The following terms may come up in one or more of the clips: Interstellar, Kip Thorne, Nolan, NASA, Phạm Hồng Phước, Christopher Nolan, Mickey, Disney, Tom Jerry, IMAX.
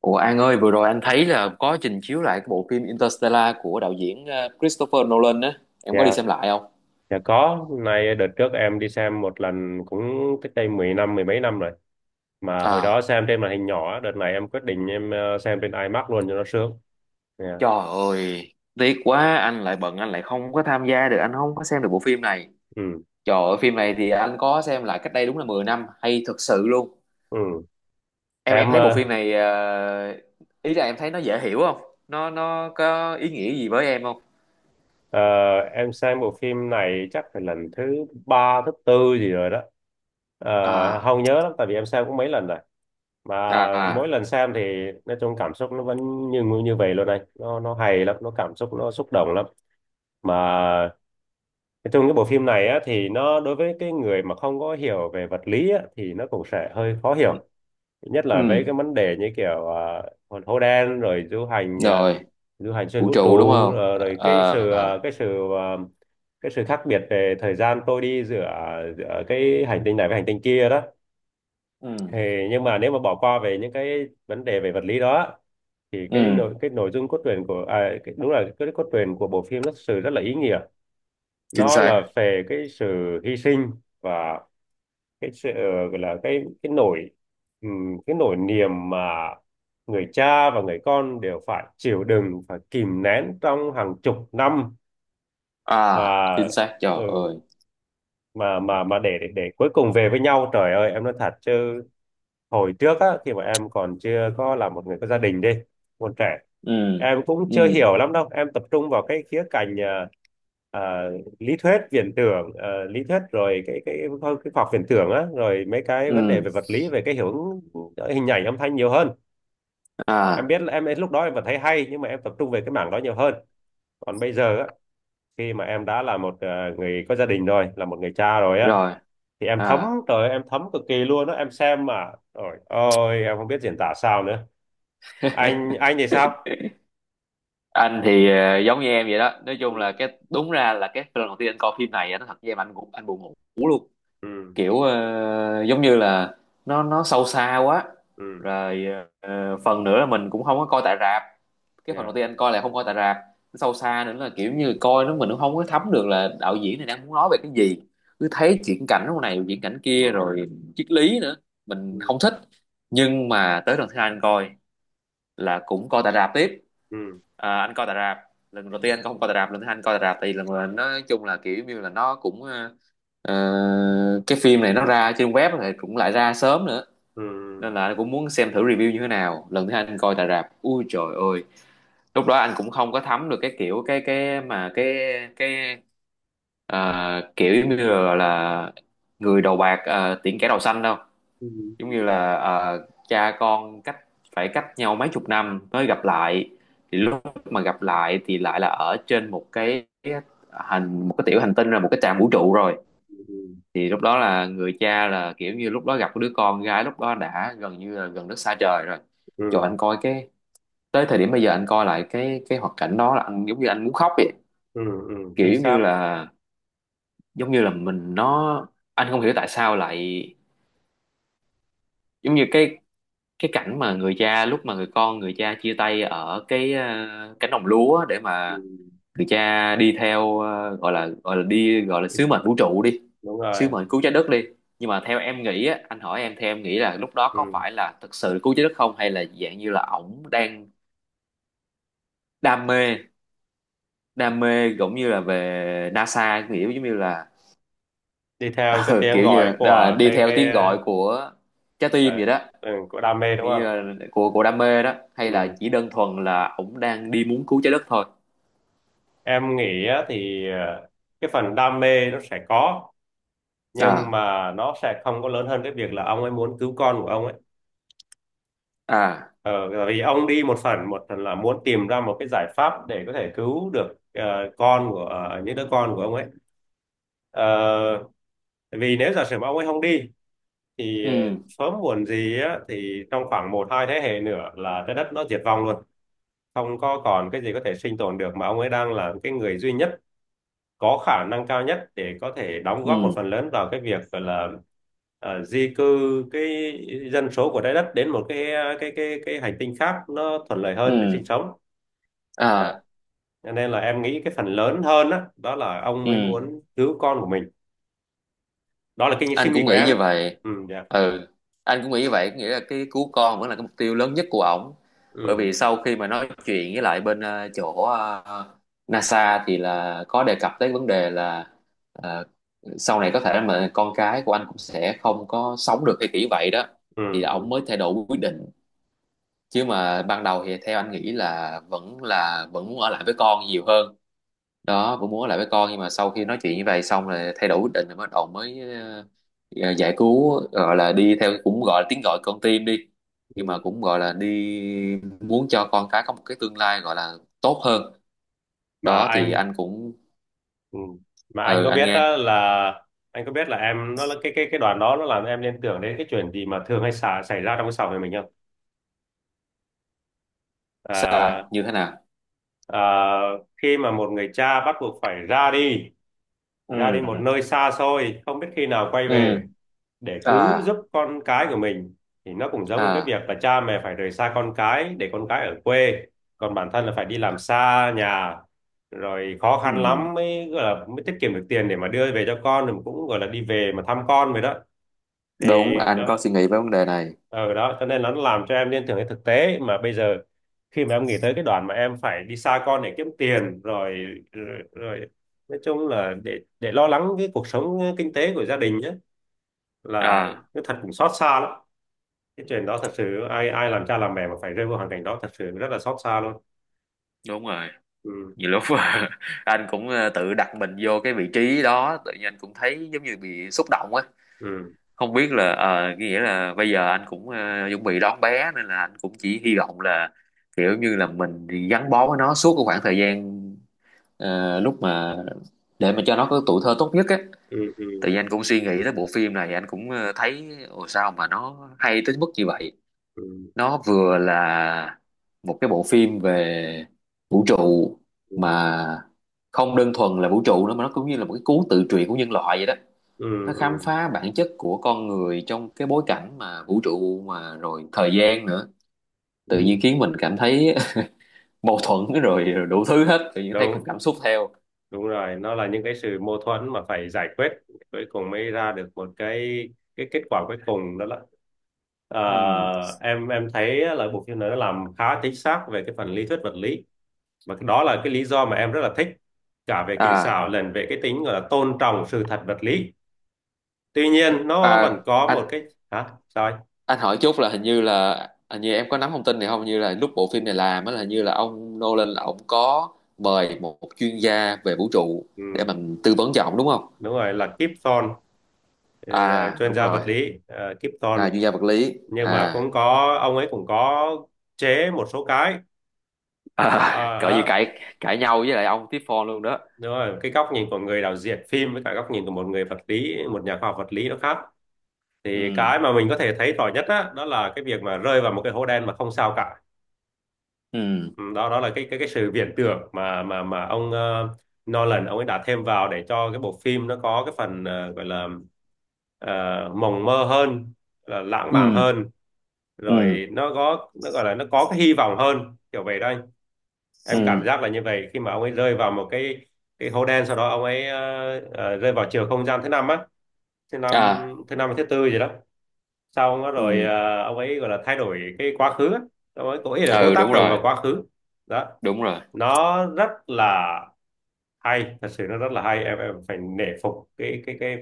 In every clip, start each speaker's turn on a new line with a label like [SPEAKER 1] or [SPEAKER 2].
[SPEAKER 1] Ủa An ơi, vừa rồi anh thấy là có trình chiếu lại cái bộ phim Interstellar của đạo diễn Christopher Nolan á. Em có đi
[SPEAKER 2] Dạ,
[SPEAKER 1] xem lại không?
[SPEAKER 2] dạ có. Hôm nay đợt trước em đi xem một lần cũng cách đây 10 năm, mười mấy năm rồi. Mà hồi đó
[SPEAKER 1] À,
[SPEAKER 2] xem trên màn hình nhỏ, đợt này em quyết định em xem trên IMAX luôn cho nó sướng. Dạ.
[SPEAKER 1] trời ơi, tiếc quá, anh lại bận, anh lại không có tham gia được, anh không có xem được bộ phim này.
[SPEAKER 2] Ừ,
[SPEAKER 1] Trời ơi, phim này thì anh có xem lại cách đây đúng là 10 năm, hay thật sự luôn.
[SPEAKER 2] ừ.
[SPEAKER 1] Em
[SPEAKER 2] Em
[SPEAKER 1] thấy bộ phim
[SPEAKER 2] ờ,
[SPEAKER 1] này, ý là em thấy nó dễ hiểu không? Nó có ý nghĩa gì với em không?
[SPEAKER 2] ờ, em xem bộ phim này chắc phải lần thứ ba, thứ tư gì rồi đó. Ờ,
[SPEAKER 1] À,
[SPEAKER 2] Không nhớ lắm, tại vì em xem cũng mấy lần rồi. Mà
[SPEAKER 1] à, à,
[SPEAKER 2] mỗi lần xem thì nói chung cảm xúc nó vẫn như như vậy luôn này. Nó hay lắm, nó cảm xúc nó xúc động lắm. Mà nói chung cái bộ phim này á, thì nó đối với cái người mà không có hiểu về vật lý á, thì nó cũng sẽ hơi khó hiểu, nhất là với
[SPEAKER 1] ừ,
[SPEAKER 2] cái vấn đề như kiểu à, hồn hố đen rồi du hành à,
[SPEAKER 1] rồi,
[SPEAKER 2] du hành xuyên
[SPEAKER 1] vũ
[SPEAKER 2] vũ trụ,
[SPEAKER 1] trụ đúng không?
[SPEAKER 2] rồi cái
[SPEAKER 1] À,
[SPEAKER 2] sự à, cái sự à, cái sự khác biệt về thời gian trôi đi giữa giữa cái hành tinh này với hành tinh kia đó
[SPEAKER 1] ừ,
[SPEAKER 2] thì nhưng mà nếu mà bỏ qua về những cái vấn đề về vật lý đó thì cái
[SPEAKER 1] ừ,
[SPEAKER 2] nội cái nội dung cốt truyện của đúng là cái cốt truyện của bộ phim nó thực sự rất là ý nghĩa.
[SPEAKER 1] chính
[SPEAKER 2] Nó là
[SPEAKER 1] xác.
[SPEAKER 2] về cái sự hy sinh và cái sự, gọi là cái nỗi, cái nỗi niềm mà người cha và người con đều phải chịu đựng, phải kìm nén trong hàng chục năm
[SPEAKER 1] À,
[SPEAKER 2] và
[SPEAKER 1] chính xác trời
[SPEAKER 2] ừ,
[SPEAKER 1] ơi.
[SPEAKER 2] mà để cuối cùng về với nhau. Trời ơi em nói thật chứ, hồi trước á khi mà em còn chưa có là một người có gia đình đi, còn trẻ,
[SPEAKER 1] Ừ,
[SPEAKER 2] em cũng chưa
[SPEAKER 1] ừ,
[SPEAKER 2] hiểu lắm đâu, em tập trung vào cái khía cạnh à, lý thuyết viễn tưởng, lý thuyết, rồi cái khoa học viễn tưởng á, rồi mấy cái vấn đề
[SPEAKER 1] ừ,
[SPEAKER 2] về vật lý, về cái hiệu ứng hình ảnh âm thanh nhiều hơn. Em
[SPEAKER 1] à,
[SPEAKER 2] biết là em lúc đó em vẫn thấy hay nhưng mà em tập trung về cái mảng đó nhiều hơn. Còn bây giờ á, khi mà em đã là một người có gia đình rồi, là một người cha rồi á,
[SPEAKER 1] rồi,
[SPEAKER 2] thì em thấm.
[SPEAKER 1] à,
[SPEAKER 2] Trời ơi, em thấm cực kỳ luôn đó, em xem mà ôi ôi em không biết diễn tả sao nữa. Anh thì sao?
[SPEAKER 1] anh thì giống như em vậy đó, nói chung là
[SPEAKER 2] Ừ.
[SPEAKER 1] cái đúng ra là cái lần đầu tiên anh coi phim này á, nó thật với em anh cũng anh buồn ngủ luôn,
[SPEAKER 2] Ừ.
[SPEAKER 1] kiểu giống như là nó sâu xa quá
[SPEAKER 2] Ừ.
[SPEAKER 1] rồi. Phần nữa là mình cũng không có coi tại rạp, cái phần đầu
[SPEAKER 2] Dạ.
[SPEAKER 1] tiên anh coi là không coi tại rạp, nó sâu xa nữa là kiểu như coi nó mình cũng không có thấm được là đạo diễn này đang muốn nói về cái gì, cứ thấy chuyển cảnh lúc này chuyển cảnh kia rồi triết lý nữa mình
[SPEAKER 2] Ừ.
[SPEAKER 1] không thích. Nhưng mà tới lần thứ hai anh coi là cũng coi tại rạp tiếp.
[SPEAKER 2] Ừ.
[SPEAKER 1] À, anh coi tại rạp, lần đầu tiên anh không coi tại rạp, lần thứ hai anh coi tại rạp thì lần là nói chung là kiểu như là nó cũng cái phim này nó ra trên web thì cũng lại ra sớm nữa
[SPEAKER 2] Ừ.
[SPEAKER 1] nên là anh cũng muốn xem thử review như thế nào. Lần thứ hai anh coi tại rạp, ui trời ơi, lúc đó anh cũng không có thấm được cái kiểu cái mà cái kiểu giống như là người đầu bạc, tiễn kẻ đầu xanh đâu,
[SPEAKER 2] Ừ.
[SPEAKER 1] giống như là cha con cách, phải cách nhau mấy chục năm mới gặp lại, thì lúc mà gặp lại thì lại là ở trên một cái hành, một cái tiểu hành tinh, là một cái trạm vũ trụ rồi.
[SPEAKER 2] Ừ.
[SPEAKER 1] Thì lúc đó là người cha là kiểu như lúc đó gặp cái đứa con gái lúc đó đã gần như là gần đất xa trời rồi, cho
[SPEAKER 2] Ừ.
[SPEAKER 1] anh coi cái, tới thời điểm bây giờ anh coi lại cái hoạt cảnh đó là anh giống như anh muốn khóc vậy,
[SPEAKER 2] Ừ. Ừ
[SPEAKER 1] kiểu
[SPEAKER 2] chính xác.
[SPEAKER 1] giống như là mình nó, anh không hiểu tại sao lại giống như cái cảnh mà người cha lúc mà người con người cha chia tay ở cái cánh đồng lúa để
[SPEAKER 2] Ừ.
[SPEAKER 1] mà người cha đi theo gọi là, gọi là đi, gọi là sứ mệnh vũ trụ đi,
[SPEAKER 2] Đúng
[SPEAKER 1] sứ
[SPEAKER 2] rồi.
[SPEAKER 1] mệnh cứu trái đất đi. Nhưng mà theo em nghĩ á, anh hỏi em, theo em nghĩ là lúc đó có
[SPEAKER 2] Ừ.
[SPEAKER 1] phải là thực sự cứu trái đất không hay là dạng như là ổng đang đam mê, đam mê giống như là về NASA, kiểu giống như là
[SPEAKER 2] Đi theo cái
[SPEAKER 1] ừ,
[SPEAKER 2] tiếng
[SPEAKER 1] kiểu như
[SPEAKER 2] gọi
[SPEAKER 1] là
[SPEAKER 2] của
[SPEAKER 1] đi
[SPEAKER 2] cái
[SPEAKER 1] theo
[SPEAKER 2] cái
[SPEAKER 1] tiếng gọi của trái
[SPEAKER 2] ờ,
[SPEAKER 1] tim vậy đó,
[SPEAKER 2] ừ, của đam mê đúng
[SPEAKER 1] nghĩa như
[SPEAKER 2] không?
[SPEAKER 1] là của đam mê đó, hay
[SPEAKER 2] Ừ.
[SPEAKER 1] là chỉ đơn thuần là ổng đang đi muốn cứu trái đất thôi.
[SPEAKER 2] Em nghĩ á, thì cái phần đam mê nó sẽ có nhưng
[SPEAKER 1] À,
[SPEAKER 2] mà nó sẽ không có lớn hơn cái việc là ông ấy muốn cứu con của ông ấy.
[SPEAKER 1] à,
[SPEAKER 2] Ờ, vì ông đi một phần, một phần là muốn tìm ra một cái giải pháp để có thể cứu được con của những đứa con của ông ấy. Ờ, vì nếu giả sử mà ông ấy không đi thì
[SPEAKER 1] ừ,
[SPEAKER 2] sớm muộn gì á, thì trong khoảng một hai thế hệ nữa là trái đất nó diệt vong luôn, không có còn cái gì có thể sinh tồn được, mà ông ấy đang là cái người duy nhất có khả năng cao nhất để có thể đóng
[SPEAKER 1] ừ,
[SPEAKER 2] góp một phần lớn vào cái việc gọi là di cư cái dân số của trái đất đến một cái cái hành tinh khác nó thuận lợi hơn để
[SPEAKER 1] ừ,
[SPEAKER 2] sinh sống. Dạ.
[SPEAKER 1] à,
[SPEAKER 2] Cho nên là em nghĩ cái phần lớn hơn đó, đó là ông
[SPEAKER 1] ừ,
[SPEAKER 2] mới muốn cứu con của mình. Đó là cái
[SPEAKER 1] anh
[SPEAKER 2] suy
[SPEAKER 1] cũng
[SPEAKER 2] nghĩ của
[SPEAKER 1] nghĩ
[SPEAKER 2] em.
[SPEAKER 1] như vậy.
[SPEAKER 2] Ừ, dạ.
[SPEAKER 1] Ừ, anh cũng nghĩ như vậy, có nghĩa là cái cứu con vẫn là cái mục tiêu lớn nhất của ổng, bởi
[SPEAKER 2] Ừ.
[SPEAKER 1] vì sau khi mà nói chuyện với lại bên chỗ NASA thì là có đề cập tới vấn đề là ờ, sau này có thể mà con cái của anh cũng sẽ không có sống được hay kiểu vậy đó,
[SPEAKER 2] Ừ.
[SPEAKER 1] thì ổng
[SPEAKER 2] Ừ.
[SPEAKER 1] mới thay đổi quyết định. Chứ mà ban đầu thì theo anh nghĩ là vẫn muốn ở lại với con nhiều hơn, đó cũng muốn ở lại với con, nhưng mà sau khi nói chuyện như vậy xong rồi thay đổi quyết định, rồi bắt đầu mới giải cứu, gọi là đi theo cũng gọi là tiếng gọi con tim đi,
[SPEAKER 2] Ừ.
[SPEAKER 1] nhưng mà cũng gọi là đi muốn cho con cái có một cái tương lai gọi là tốt hơn.
[SPEAKER 2] Mà
[SPEAKER 1] Đó thì
[SPEAKER 2] anh,
[SPEAKER 1] anh cũng,
[SPEAKER 2] ừ, mà anh
[SPEAKER 1] ừ
[SPEAKER 2] có
[SPEAKER 1] anh
[SPEAKER 2] biết
[SPEAKER 1] nghe.
[SPEAKER 2] đó là, anh có biết là em nó là cái đoàn đó nó làm em liên tưởng đến cái chuyện gì mà thường hay xảy ra trong cái xã hội mình không?
[SPEAKER 1] Sao
[SPEAKER 2] À,
[SPEAKER 1] như thế nào?
[SPEAKER 2] ờ, khi mà một người cha bắt buộc phải ra đi,
[SPEAKER 1] Ừ,
[SPEAKER 2] ra đi một nơi xa xôi không biết khi nào quay
[SPEAKER 1] ừ,
[SPEAKER 2] về, để cứu
[SPEAKER 1] à,
[SPEAKER 2] giúp con cái của mình, thì nó cũng giống như cái
[SPEAKER 1] à,
[SPEAKER 2] việc là cha mẹ phải rời xa con cái để con cái ở quê, còn bản thân là phải đi làm xa nhà, rồi khó khăn
[SPEAKER 1] ừ,
[SPEAKER 2] lắm mới gọi là mới tiết kiệm được tiền để mà đưa về cho con, rồi cũng gọi là đi về mà thăm con vậy đó.
[SPEAKER 1] đúng
[SPEAKER 2] Thì
[SPEAKER 1] anh có
[SPEAKER 2] đó,
[SPEAKER 1] suy nghĩ về vấn đề này.
[SPEAKER 2] ừ đó, cho nên nó làm cho em liên tưởng đến thực tế mà bây giờ, khi mà em nghĩ tới cái đoạn mà em phải đi xa con để kiếm tiền rồi, rồi, rồi nói chung là để lo lắng cái cuộc sống kinh tế của gia đình nhé, là
[SPEAKER 1] À,
[SPEAKER 2] cái thật cũng xót xa lắm. Cái chuyện đó thật sự ai ai làm cha làm mẹ mà phải rơi vào hoàn cảnh đó thật sự rất là xót xa luôn.
[SPEAKER 1] đúng rồi.
[SPEAKER 2] Ừ.
[SPEAKER 1] Nhiều lúc anh cũng tự đặt mình vô cái vị trí đó, tự nhiên anh cũng thấy giống như bị xúc động á.
[SPEAKER 2] Ừ.
[SPEAKER 1] Không biết là nghĩa là bây giờ anh cũng chuẩn bị đón bé nên là anh cũng chỉ hy vọng là kiểu như là mình thì gắn bó với nó suốt cái khoảng thời gian lúc mà để mà cho nó có tuổi thơ tốt nhất á.
[SPEAKER 2] Ừ. Ừ.
[SPEAKER 1] Tự nhiên anh cũng suy nghĩ tới bộ phim này, anh cũng thấy ồ sao mà nó hay tới mức như vậy.
[SPEAKER 2] Ừ.
[SPEAKER 1] Nó vừa là một cái bộ phim về vũ trụ
[SPEAKER 2] Ừ.
[SPEAKER 1] mà không đơn thuần là vũ trụ nữa, mà nó cũng như là một cái cuốn tự truyện của nhân loại vậy đó,
[SPEAKER 2] Ừ.
[SPEAKER 1] nó
[SPEAKER 2] Ừ.
[SPEAKER 1] khám phá bản chất của con người trong cái bối cảnh mà vũ trụ mà rồi thời gian nữa, tự nhiên
[SPEAKER 2] Ừ.
[SPEAKER 1] khiến mình cảm thấy mâu thuẫn rồi, rồi đủ thứ hết, tự nhiên thấy cùng
[SPEAKER 2] Đúng,
[SPEAKER 1] cảm xúc theo.
[SPEAKER 2] đúng rồi, nó là những cái sự mâu thuẫn mà phải giải quyết, cuối cùng mới ra được một cái kết quả cuối cùng đó là, ờ,
[SPEAKER 1] Ừm.
[SPEAKER 2] em thấy là bộ phim này nó làm khá chính xác về cái phần lý thuyết vật lý, và cái đó là cái lý do mà em rất là thích, cả về kỹ xảo
[SPEAKER 1] À,
[SPEAKER 2] lẫn về cái tính gọi là tôn trọng sự thật vật lý. Tuy nhiên nó
[SPEAKER 1] à,
[SPEAKER 2] vẫn có
[SPEAKER 1] anh
[SPEAKER 2] một cái, hả sao anh?
[SPEAKER 1] anh hỏi chút là hình như em có nắm thông tin này không? Hình như là lúc bộ phim này làm á là hình như là ông Nolan là ông có mời một chuyên gia về vũ trụ để
[SPEAKER 2] Ừ,
[SPEAKER 1] mình tư vấn cho ông đúng không?
[SPEAKER 2] đúng rồi, là Kip Thorne. ờ,
[SPEAKER 1] À
[SPEAKER 2] Chuyên
[SPEAKER 1] đúng
[SPEAKER 2] gia
[SPEAKER 1] rồi.
[SPEAKER 2] vật lý, Kip Thorne.
[SPEAKER 1] À chuyên gia vật lý
[SPEAKER 2] Nhưng
[SPEAKER 1] à,
[SPEAKER 2] mà cũng có, ông ấy cũng có chế một số cái mà,
[SPEAKER 1] à cỡ như cãi, cãi nhau với lại ông tiếp phone luôn đó.
[SPEAKER 2] đúng rồi, cái góc nhìn của người đạo diễn phim với cả góc nhìn của một người vật lý, một nhà khoa học vật lý, nó khác. Thì
[SPEAKER 1] Ừ,
[SPEAKER 2] cái mà mình có thể thấy rõ nhất á, đó là cái việc mà rơi vào một cái hố đen mà không sao cả.
[SPEAKER 1] ừ,
[SPEAKER 2] Ừ, đó đó là cái sự viễn tưởng mà ông Nolan ông ấy đã thêm vào để cho cái bộ phim nó có cái phần, gọi là, ờ, mộng mơ hơn, là lãng mạn
[SPEAKER 1] ừ,
[SPEAKER 2] hơn,
[SPEAKER 1] ừ,
[SPEAKER 2] rồi nó có, nó gọi là nó có cái hy vọng hơn kiểu vậy đó anh. Em cảm
[SPEAKER 1] ừ,
[SPEAKER 2] giác là như vậy khi mà ông ấy rơi vào một cái hố đen, sau đó ông ấy rơi vào chiều không gian thứ năm á, thứ năm,
[SPEAKER 1] à,
[SPEAKER 2] thứ năm hay thứ tư gì đó, xong đó rồi
[SPEAKER 1] ừ,
[SPEAKER 2] ông ấy gọi là thay đổi cái quá khứ á. Ông ấy cố ý là cố
[SPEAKER 1] ừ,
[SPEAKER 2] tác
[SPEAKER 1] đúng
[SPEAKER 2] động
[SPEAKER 1] rồi,
[SPEAKER 2] vào quá khứ. Đó,
[SPEAKER 1] đúng rồi.
[SPEAKER 2] nó rất là hay, thật sự nó rất là hay. Em phải nể phục cái cái cái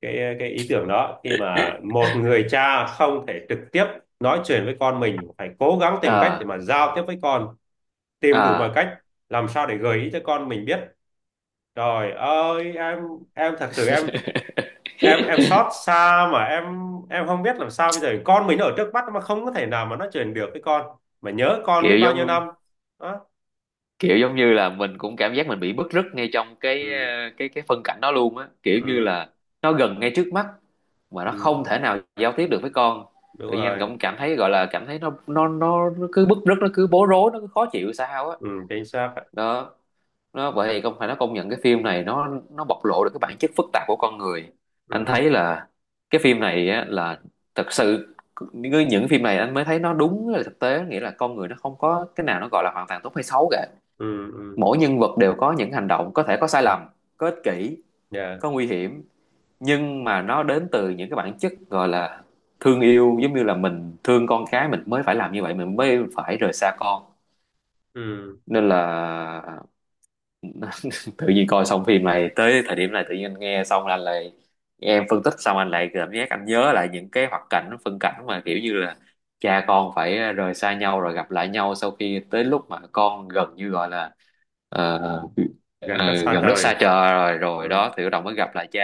[SPEAKER 2] cái cái ý tưởng đó, khi mà một người cha không thể trực tiếp nói chuyện với con mình, phải cố gắng tìm cách
[SPEAKER 1] À,
[SPEAKER 2] để mà giao tiếp với con, tìm đủ mọi
[SPEAKER 1] à,
[SPEAKER 2] cách làm sao để gợi ý cho con mình biết. Trời ơi em thật sự em, em xót xa mà em không biết làm sao bây giờ, con mình nó ở trước mắt mà không có thể nào mà nó truyền được cái, con mà nhớ con biết
[SPEAKER 1] kiểu
[SPEAKER 2] bao nhiêu
[SPEAKER 1] giống,
[SPEAKER 2] năm. Đó.
[SPEAKER 1] kiểu giống như là mình cũng cảm giác mình bị bứt rứt ngay trong cái
[SPEAKER 2] Ừ.
[SPEAKER 1] cái phân cảnh đó luôn á, kiểu như
[SPEAKER 2] Ừ.
[SPEAKER 1] là nó gần ngay trước mắt mà nó
[SPEAKER 2] Ừ.
[SPEAKER 1] không thể nào giao tiếp được với con,
[SPEAKER 2] Đúng
[SPEAKER 1] tự nhiên anh
[SPEAKER 2] rồi.
[SPEAKER 1] cũng cảm thấy, gọi là cảm thấy nó cứ bứt rứt, nó cứ bối rối, nó cứ khó chịu sao á.
[SPEAKER 2] Ừ, chính xác ạ.
[SPEAKER 1] Đó. Nó vậy thì không phải, nó công nhận cái phim này nó bộc lộ được cái bản chất phức tạp của con người. Anh
[SPEAKER 2] Ừ.
[SPEAKER 1] thấy là cái phim này á, là thật sự, những phim này anh mới thấy nó đúng là thực tế, nghĩa là con người nó không có cái nào nó gọi là hoàn toàn tốt hay xấu cả,
[SPEAKER 2] Ừ. Ừ.
[SPEAKER 1] mỗi nhân vật đều có những hành động có thể có sai lầm, có ích kỷ,
[SPEAKER 2] Dạ.
[SPEAKER 1] có nguy hiểm, nhưng mà nó đến từ những cái bản chất gọi là thương yêu, giống như là mình thương con cái mình mới phải làm như vậy, mình mới phải rời xa con.
[SPEAKER 2] Ừ.
[SPEAKER 1] Nên là tự nhiên coi xong phim này tới thời điểm này, tự nhiên anh nghe xong là anh lại nghe em phân tích xong anh lại cảm giác anh nhớ lại những cái hoạt cảnh phân cảnh mà kiểu như là cha con phải rời xa nhau rồi gặp lại nhau sau khi tới lúc mà con gần như gọi là ờ,
[SPEAKER 2] Gần đất xa
[SPEAKER 1] gần đất xa
[SPEAKER 2] trời.
[SPEAKER 1] trời rồi rồi
[SPEAKER 2] Ừ.
[SPEAKER 1] đó, thì bắt đầu mới gặp lại cha,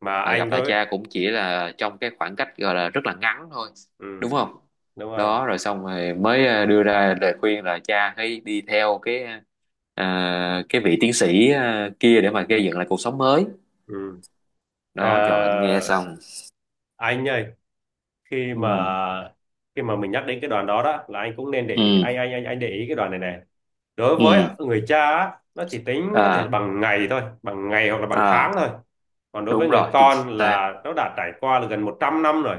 [SPEAKER 2] Mà
[SPEAKER 1] mà gặp
[SPEAKER 2] anh
[SPEAKER 1] lại
[SPEAKER 2] có.
[SPEAKER 1] cha cũng chỉ là trong cái khoảng cách gọi là rất là ngắn thôi,
[SPEAKER 2] Ừ,
[SPEAKER 1] đúng không?
[SPEAKER 2] đúng rồi.
[SPEAKER 1] Đó rồi xong rồi mới đưa ra lời khuyên là cha hãy đi theo cái à, cái vị tiến sĩ à, kia để mà gây dựng lại cuộc sống mới.
[SPEAKER 2] Ừ.
[SPEAKER 1] Đó cho anh
[SPEAKER 2] Ờ,
[SPEAKER 1] nghe xong.
[SPEAKER 2] anh ơi, khi mà,
[SPEAKER 1] Ừ,
[SPEAKER 2] khi mà mình nhắc đến cái đoàn đó đó là anh cũng nên để ý-
[SPEAKER 1] ừ,
[SPEAKER 2] anh để ý cái đoàn này này, đối với
[SPEAKER 1] ừ,
[SPEAKER 2] người cha á, nó chỉ tính có thể
[SPEAKER 1] à,
[SPEAKER 2] bằng ngày thôi, bằng ngày hoặc là bằng
[SPEAKER 1] à,
[SPEAKER 2] tháng thôi. Còn đối với
[SPEAKER 1] đúng
[SPEAKER 2] người
[SPEAKER 1] rồi chính
[SPEAKER 2] con
[SPEAKER 1] xác.
[SPEAKER 2] là nó đã trải qua là gần 100 năm rồi,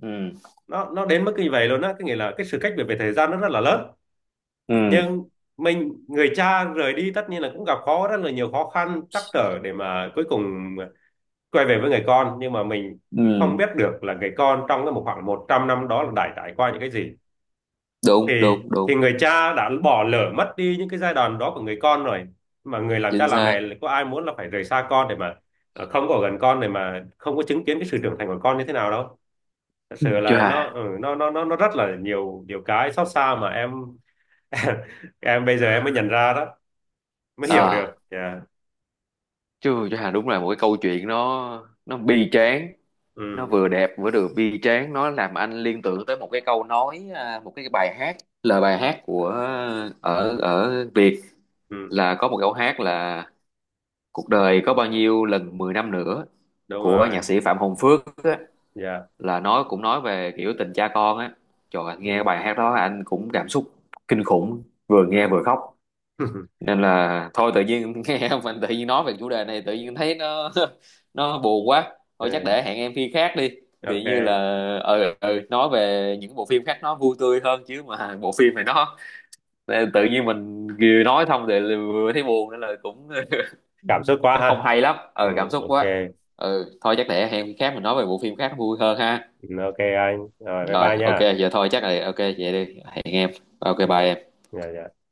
[SPEAKER 1] Ừ,
[SPEAKER 2] nó đến mức như vậy luôn á, cái nghĩa là cái sự cách biệt về thời gian nó rất là lớn.
[SPEAKER 1] ừ,
[SPEAKER 2] Nhưng mình, người cha rời đi tất nhiên là cũng gặp khó, rất là nhiều khó khăn trắc trở để mà cuối cùng quay về với người con, nhưng mà mình không
[SPEAKER 1] ừ,
[SPEAKER 2] biết được là người con trong cái một khoảng 100 năm đó là đã trải qua những cái gì,
[SPEAKER 1] đúng
[SPEAKER 2] thì
[SPEAKER 1] đúng đúng,
[SPEAKER 2] thì người cha đã bỏ lỡ mất đi những cái giai đoạn đó của người con rồi. Mà người làm cha
[SPEAKER 1] chính
[SPEAKER 2] làm
[SPEAKER 1] xác.
[SPEAKER 2] mẹ có ai muốn là phải rời xa con để mà không có ở gần con, để mà không có chứng kiến cái sự trưởng thành của con như thế nào đâu. Thật sự là nó,
[SPEAKER 1] Chà,
[SPEAKER 2] ừ, nó rất là nhiều, nhiều cái xót xa mà em. Em bây giờ em mới nhận ra đó, mới hiểu được.
[SPEAKER 1] à,
[SPEAKER 2] Dạ.
[SPEAKER 1] chưa, chà đúng là một cái câu chuyện nó bi tráng, nó
[SPEAKER 2] Ừ.
[SPEAKER 1] vừa đẹp vừa được bi tráng, nó làm anh liên tưởng tới một cái câu nói à, một cái bài hát, lời bài hát của à, ở ở Việt,
[SPEAKER 2] Ừ,
[SPEAKER 1] là có một câu hát là "Cuộc đời có bao nhiêu lần 10 năm nữa"
[SPEAKER 2] đúng
[SPEAKER 1] của
[SPEAKER 2] rồi.
[SPEAKER 1] nhạc sĩ Phạm Hồng Phước á,
[SPEAKER 2] Dạ.
[SPEAKER 1] là nó cũng nói về kiểu tình cha con á. Trời ơi,
[SPEAKER 2] Ừ.
[SPEAKER 1] nghe bài hát đó anh cũng cảm xúc kinh khủng, vừa nghe
[SPEAKER 2] Ừ.
[SPEAKER 1] vừa khóc. Nên là thôi tự nhiên nghe mình tự nhiên nói về chủ đề này tự nhiên thấy nó nó buồn quá. Thôi chắc
[SPEAKER 2] Ừ,
[SPEAKER 1] để hẹn em khi khác đi. Tự như là
[SPEAKER 2] ok.
[SPEAKER 1] ừ, ừ nói về những bộ phim khác nó vui tươi hơn, chứ mà bộ phim này nó, tự nhiên mình vừa nói xong thì vừa thấy buồn nên là cũng
[SPEAKER 2] Cảm xúc quá
[SPEAKER 1] nó không
[SPEAKER 2] ha.
[SPEAKER 1] hay lắm.
[SPEAKER 2] Ừ,
[SPEAKER 1] Ừ cảm xúc
[SPEAKER 2] ok.
[SPEAKER 1] quá. Ừ thôi chắc để hẹn khác mình nói về bộ phim khác nó vui hơn ha.
[SPEAKER 2] Ừ, ok anh, rồi bye
[SPEAKER 1] Rồi
[SPEAKER 2] bye
[SPEAKER 1] ok
[SPEAKER 2] nha.
[SPEAKER 1] giờ thôi chắc là ok vậy đi, hẹn em, ok bye
[SPEAKER 2] Dạ.
[SPEAKER 1] em.
[SPEAKER 2] Dạ dạ.